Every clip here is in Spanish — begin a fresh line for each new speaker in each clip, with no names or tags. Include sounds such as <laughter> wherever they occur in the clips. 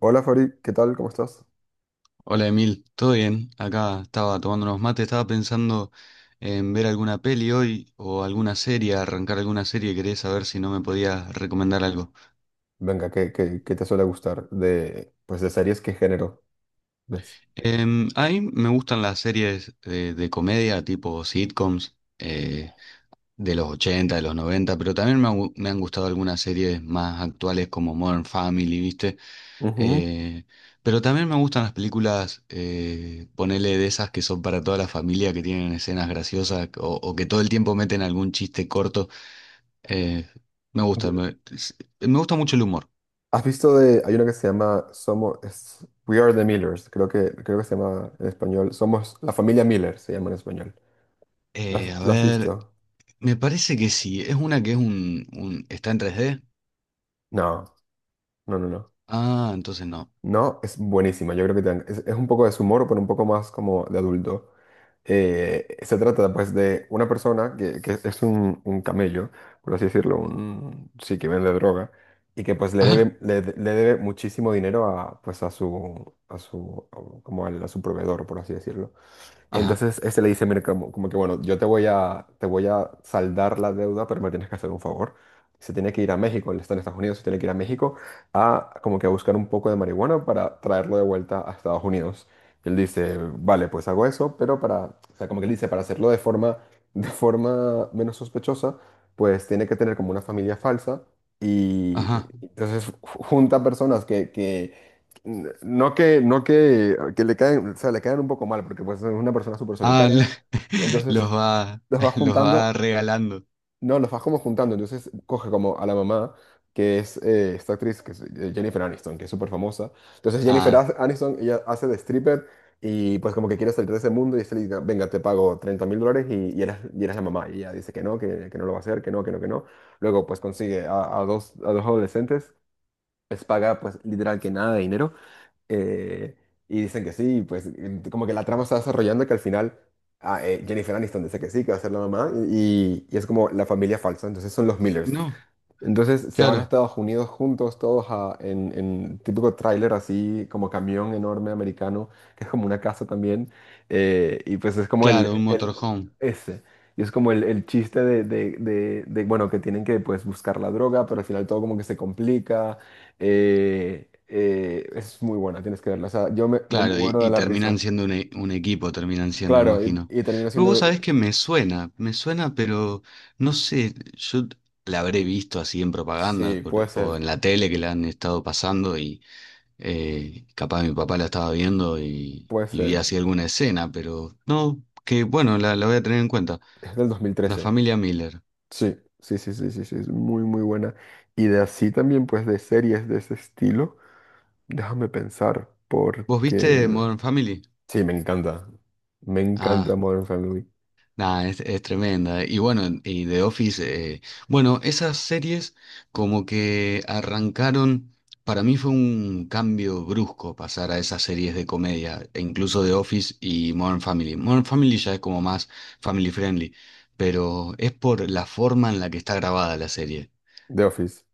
Hola Fabri, ¿qué tal? ¿Cómo estás?
Hola Emil, ¿todo bien? Acá estaba tomando unos mates, estaba pensando en ver alguna peli hoy o alguna serie, arrancar alguna serie, quería saber si no me podías recomendar algo.
Venga, ¿¿qué te suele gustar de, pues, de series? ¿Qué género ves?
A mí me gustan las series de, comedia, tipo sitcoms, de los 80, de los 90, pero también me, me han gustado algunas series más actuales como Modern Family, ¿viste?
Ujú.
Eh, pero también me gustan las películas, ponele de esas que son para toda la familia, que tienen escenas graciosas o que todo el tiempo meten algún chiste corto. Eh, me gusta, me, Me gusta mucho el humor.
¿Has visto de, hay una que se llama Somos, es- We Are the Millers, creo que se llama en español, Somos la familia Miller, se llama en español.
A
La has
ver,
visto?
me parece que sí. Es una que es está en 3D.
No, no, no.
Ah, entonces no.
No, es buenísima. Yo creo que te- es un poco de su humor, pero un poco más como de adulto. Se trata pues de una persona que es un camello, por así decirlo, un, sí, que vende droga y que pues le
<laughs> Ajá,
debe, le, de- le debe muchísimo dinero a, pues, a su, como al- a su proveedor, por así decirlo.
ajá,
Entonces este le dice, mira, como, como que bueno, yo te voy a saldar la deuda, pero me tienes que hacer un favor. Se tiene que ir a México, él está en Estados Unidos, se tiene que ir a México a como que a buscar un poco de marihuana para traerlo de vuelta a Estados Unidos. Y él dice, vale, pues hago eso, pero para, o sea, como que él dice, para hacerlo de forma menos sospechosa, pues tiene que tener como una familia falsa. Y
ajá.
y entonces junta personas que, N- No que, no que, que le caen, o sea, le caen un poco mal, porque pues es una persona súper
Ah, le-
solitaria.
<laughs>
Entonces
los va,
los vas
los va
juntando,
regalando.
no, los vas como juntando. Entonces coge como a la mamá, que es esta actriz, que es Jennifer Aniston, que es súper famosa. Entonces Jennifer
Ah,
As- Aniston, ella hace de stripper y pues como que quiere salir de ese mundo y se le dice, venga, te pago 30.000 dólares y eres la mamá. Y ella dice que no lo va a hacer, que no, que no, que no. Luego pues consigue a dos adolescentes, les paga pues literal que nada de dinero eh, y dicen que sí, pues en- como que la trama se va desarrollando que al final ah, Jennifer Aniston dice que sí, que va a ser la mamá y es como la familia falsa, entonces son los Millers.
no,
Entonces se van a
claro,
Estados Unidos juntos, todos a- en típico tráiler así, como camión enorme americano, que es como una casa también. Y pues es como
claro, un
el-
motorhome.
ese. Y es como el chiste de, bueno, que tienen que pues buscar la droga, pero al final todo como que se complica. Es muy buena, tienes que verla. O sea, yo me, me
Claro,
muero de
y
la
terminan
risa.
siendo un equipo, terminan siendo,
Claro,
imagino.
y termino
Pero vos
siendo...
sabés que me suena, pero no sé, yo la habré visto así en
Sí, puede
o
ser,
en la tele que la han estado pasando y capaz mi papá la estaba viendo
puede
y vi
ser.
así alguna escena, pero no, que bueno, la voy a tener en cuenta.
Es del
La
2013.
familia Miller.
Sí, sí, sí, sí, sí, sí, es muy, muy buena. Y de así también, pues, de series de ese estilo, déjame pensar,
¿Vos
porque...
viste Modern Family?
Sí, me encanta. Me encanta
Ah.
Modern Family.
Nah, es tremenda. Y bueno, y The Office, bueno, esas series como que arrancaron, para mí fue un cambio brusco pasar a esas series de comedia, e incluso The Office y Modern Family. Modern Family ya es como más family friendly, pero es por la forma en la que está grabada la serie
The Office.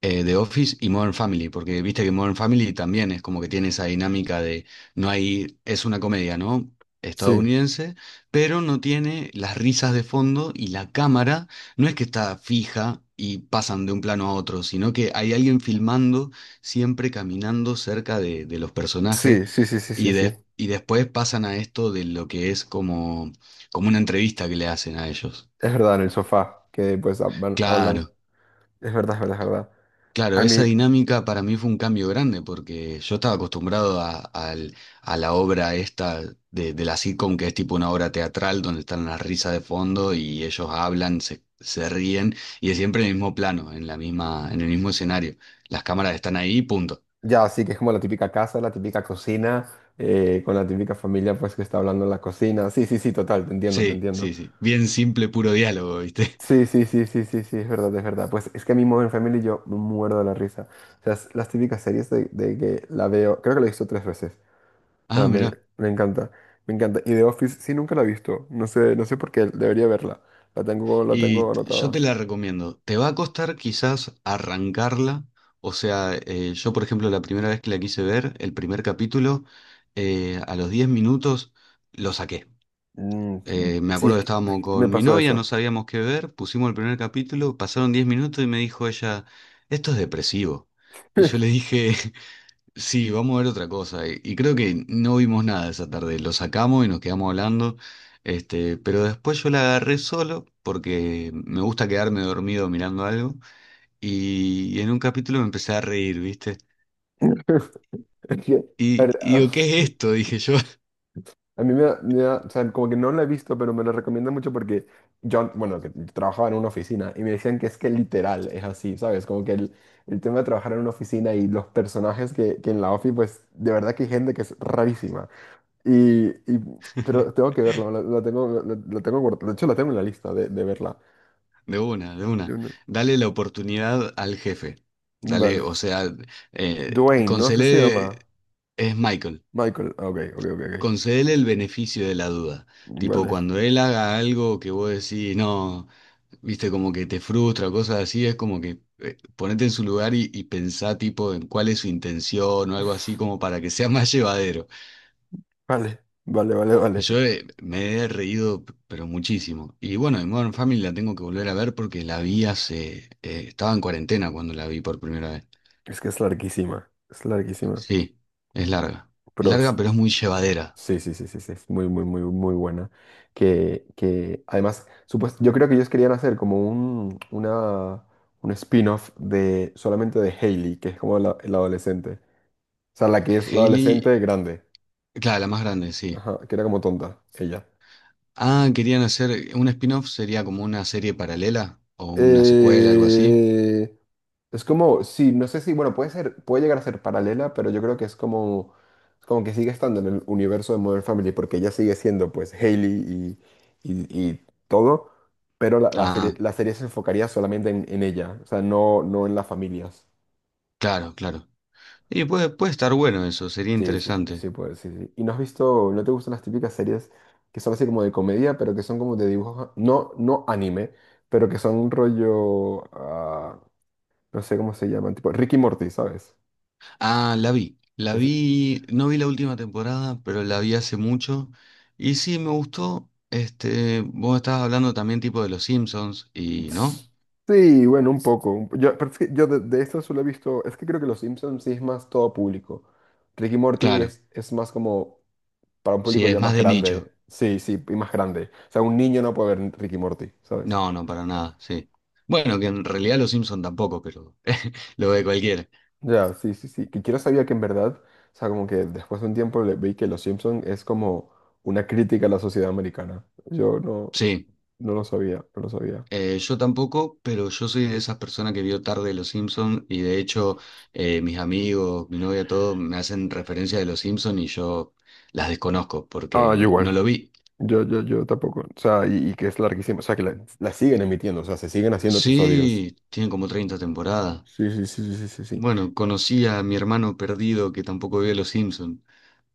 The Office y Modern Family, porque viste que Modern Family también es como que tiene esa dinámica de no hay, es una comedia, ¿no?
Sí,
Estadounidense, pero no tiene las risas de fondo y la cámara no es que está fija y pasan de un plano a otro, sino que hay alguien filmando siempre caminando cerca de los personajes
sí, sí, sí, sí, sí, sí.
y después pasan a esto de lo que es como, como una entrevista que le hacen a ellos.
Es verdad, en el sofá, que pues hablan, hablan.
Claro.
Es verdad, es verdad, es verdad.
Claro,
A
esa
mí,
dinámica para mí fue un cambio grande porque yo estaba acostumbrado a la obra esta de la sitcom, que es tipo una obra teatral donde están las risas de fondo y ellos hablan, se ríen y es siempre en el mismo plano, en la misma, en el mismo escenario. Las cámaras están ahí, punto.
ya, sí, que es como la típica casa, la típica cocina, con la típica familia, pues, que está hablando en la cocina. Sí, sí, sí, total, te entiendo, te
Sí,
entiendo.
sí, sí. Bien simple, puro diálogo, ¿viste? <laughs>
Sí, sí, sí, sí, sí, sí, es verdad, es verdad. Pues es que a mí Modern Family yo me muerdo de la risa. O sea, es las típicas series de que la veo, creo que la he visto tres veces. O sea,
Ah,
me,
mirá.
me encanta, me encanta. Y The Office sí nunca la he visto. No sé, no sé por qué, debería verla. La tengo
Yo
anotada.
te la recomiendo. Te va a costar quizás arrancarla. O sea, yo por ejemplo la primera vez que la quise ver, el primer capítulo, a los 10 minutos lo saqué.
Mm,
Me
sí,
acuerdo
es
que
que, es
estábamos
que me
con mi
pasó
novia, no
eso.
sabíamos qué ver, pusimos el primer capítulo, pasaron 10 minutos y me dijo ella, esto es depresivo. Y yo le dije, sí, vamos a ver otra cosa. Y creo que no vimos nada esa tarde. Lo sacamos y nos quedamos hablando. Este, pero después yo la agarré solo porque me gusta quedarme dormido mirando algo. Y en un capítulo me empecé a reír, ¿viste?
<laughs> Es que, a ver,
Y digo,
<laughs>
¿qué es esto? Dije yo.
A mí me da- o sea, como que no la he visto, pero me la recomiendan mucho porque yo, bueno, que trabajaba en una oficina y me decían que es que literal es así, ¿sabes? Como que el tema de trabajar en una oficina y los personajes que en la ofi, pues de verdad que hay gente que es rarísima. Y, y- pero tengo
<laughs>
que verlo, la tengo, la- la tengo guardada, de hecho la tengo en la lista de verla.
De una, de una.
Yo no-
Dale la oportunidad al jefe. Dale,
Vale.
o sea,
Dwayne,
con
¿no? ¿Es que se
Cele
llama?
es Michael.
Michael. Ah, ok, ok, ok, ok.
Concédele el beneficio de la duda. Tipo,
Vale.
cuando él haga algo que vos decís, no, viste, como que te frustra cosas así, es como que ponete en su lugar y pensá, tipo, en cuál es su intención o algo así,
<laughs>
como para que sea <laughs> más llevadero.
Vale, vale, vale, vale.
Yo me he reído, p- pero muchísimo. Y bueno, de Modern Family la tengo que volver a ver porque la vi hace. Estaba en cuarentena cuando la vi por primera vez.
Es que es larguísima, es larguísima.
Sí, es larga. Es
Pero
larga, pero es muy llevadera.
sí, sí, sí, sí, sí, es muy, muy, muy, muy buena. Que además, supuest- yo creo que ellos querían hacer como un, una, un spin-off de solamente de Hailey, que es como la adolescente. O sea, la que es la
Hailey,
adolescente grande.
claro, la más grande, sí.
Ajá, que era como tonta, ella.
Ah, querían hacer un spin-off, sería como una serie paralela o una secuela, algo así.
Eh, Es como, sí, no sé si, bueno, puede ser, puede llegar a ser paralela, pero yo creo que es como que sigue estando en el universo de Modern Family, porque ella sigue siendo, pues, Hailey y todo, pero la,
Ah,
la serie se enfocaría solamente en ella, o sea, no, no en las familias.
claro, claro. Y puede, puede estar bueno eso, sería
Sí, sí,
interesante.
sí, pues, sí, sí. ¿Y no has visto, no te gustan las típicas series que son así como de comedia, pero que son como de dibujos, no, no anime, pero que son un rollo, ah, no sé cómo se llaman, tipo Ricky Morty, ¿sabes?
Ah, la vi. La vi, no vi la última temporada, pero la vi hace mucho. Y sí, me gustó. Este, vos estabas hablando también tipo de los Simpsons ¿no?
Sí, bueno, un poco. Un po- Yo, pero es que yo de esto solo he visto, es que creo que Los Simpsons sí es más todo público. Ricky y Morty
Claro,
es más como para un
sí,
público
es
ya
más
más
de nicho.
grande. Sí, sí, y más grande. O sea, un niño no puede ver Ricky y Morty, ¿sabes?
No, no, para nada, sí. Bueno, que en realidad los Simpsons tampoco, pero <laughs> lo ve cualquiera.
Ya, sí, sí, sí. Que quiero sabía que en verdad, o sea, como que después de un tiempo le vi que Los Simpson es como una crítica a la sociedad americana. Yo no,
Sí.
no lo sabía, no lo sabía.
Yo tampoco, pero yo soy de esas personas que vio tarde Los Simpson y de hecho mis amigos, mi novia, todo me hacen referencia de Los Simpson y yo las desconozco
Ah, yo
porque no
igual.
lo vi.
Yo tampoco. O sea, y que es larguísimo. O sea, que la siguen emitiendo. O sea, se siguen haciendo episodios.
Sí, tiene como 30 temporadas.
Sí, sí, sí, sí, sí, sí. Sí,
Bueno, conocí a mi hermano perdido que tampoco vio Los Simpson.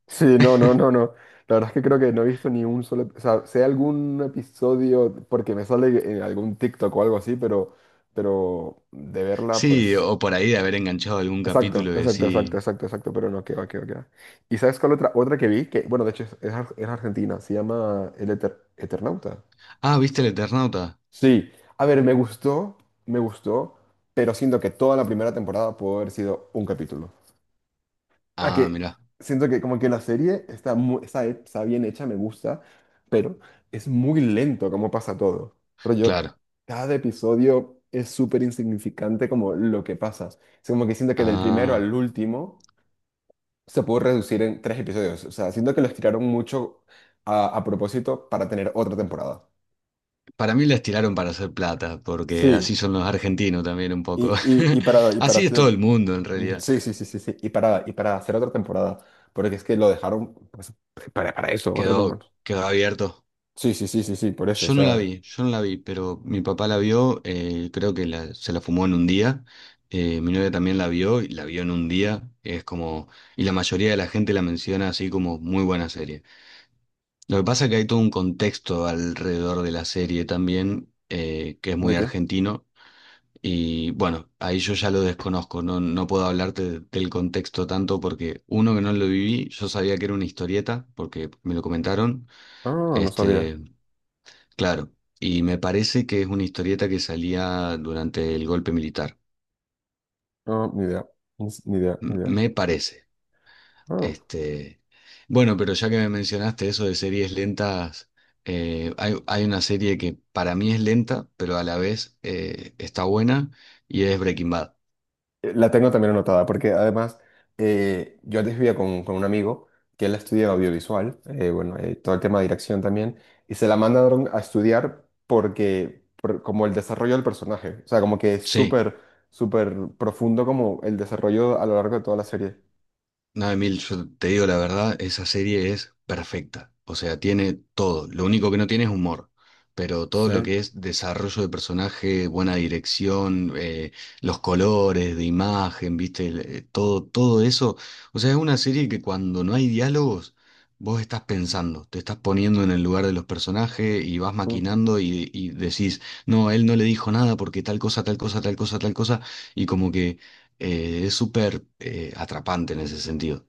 sí, no, no, no. no. La verdad es que creo que no he visto ni un solo... ep- O sea, sé algún episodio porque me sale en algún TikTok o algo así, pero de verla,
Sí,
pues...
o por ahí de haber enganchado algún
Exacto,
capítulo y
exacto, exacto,
decir,
exacto, exacto, pero no, que va, que va, que va. ¿Y sabes cuál otra, otra que vi? Que, bueno, de hecho es ar- es argentina, se llama El Eter- Eternauta.
ah, ¿viste el Eternauta?
Sí, a ver, me gustó, pero siento que toda la primera temporada pudo haber sido un capítulo. A
Ah,
que
mirá,
siento que como que la serie está, mu- está, he- está bien hecha, me gusta, pero es muy lento como pasa todo. Pero yo,
claro.
cada episodio es súper insignificante como lo que pasa. O como que siento que del primero
Ah.
al último se pudo reducir en tres episodios. O sea, siento que lo estiraron mucho a propósito para tener otra temporada.
Para mí la estiraron para hacer plata, porque así
Sí,
son los argentinos también un poco.
Y, y, y para,
<laughs>
y para
Así es todo
te-
el mundo en realidad.
Sí, sí, sí, sí, sí. Y para hacer otra temporada. Porque es que lo dejaron pues, para eso, otra
Quedó,
temporada.
quedó abierto.
Sí, sí, sí, sí, sí, por eso. O
Yo no la
sea,
vi, yo no la vi, pero mi papá la vio, creo que se la fumó en un día. Mi novia también la vio y la vio en un día. Es como, y la mayoría de la gente la menciona así como muy buena serie. Lo que pasa es que hay todo un contexto alrededor de la serie también, que es muy
¿de qué?
argentino. Y bueno, ahí yo ya lo desconozco, no, no puedo hablarte del contexto tanto porque uno que no lo viví, yo sabía que era una historieta porque me lo comentaron,
Ah, no sabía.
este, claro, y me parece que es una historieta que salía durante el golpe militar,
No ni idea. Ni, ni idea, ni idea.
me parece,
Ah.
este, bueno, pero ya que me mencionaste eso de series lentas, hay una serie que para mí es lenta, pero a la vez está buena y es Breaking Bad.
La tengo también anotada, porque además yo antes vivía con un amigo que él estudia audiovisual, bueno, todo el tema de dirección también, y se la mandaron a estudiar porque, por- como el desarrollo del personaje, o sea, como que es
Sí.
súper, súper profundo como el desarrollo a lo largo de toda la serie.
No, Emil, yo te digo la verdad, esa serie es perfecta. O sea, tiene todo. Lo único que no tiene es humor. Pero todo lo
Sí.
que es desarrollo de personaje, buena dirección, los colores de imagen, viste, todo, todo eso. O sea, es una serie que cuando no hay diálogos, vos estás pensando, te estás poniendo en el lugar de los personajes y vas maquinando y decís, no, él no le dijo nada porque tal cosa, tal cosa, tal cosa, tal cosa. Y como que es súper atrapante en ese sentido.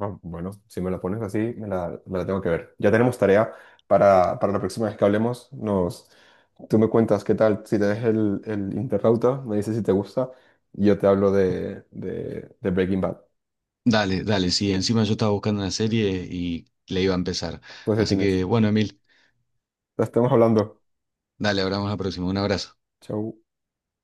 Ah, bueno, si me la pones así, me la tengo que ver. Ya tenemos tarea para la próxima vez que hablemos. Nos, tú me cuentas qué tal, si te ves el Interrauta, me dices si te gusta, y yo te hablo de Breaking Bad.
Dale, dale, sí, encima yo estaba buscando una serie y le iba a empezar.
Pues ya
Así
tienes.
que bueno, Emil,
La estamos hablando.
dale, hablamos la próxima. Un abrazo.
Chau.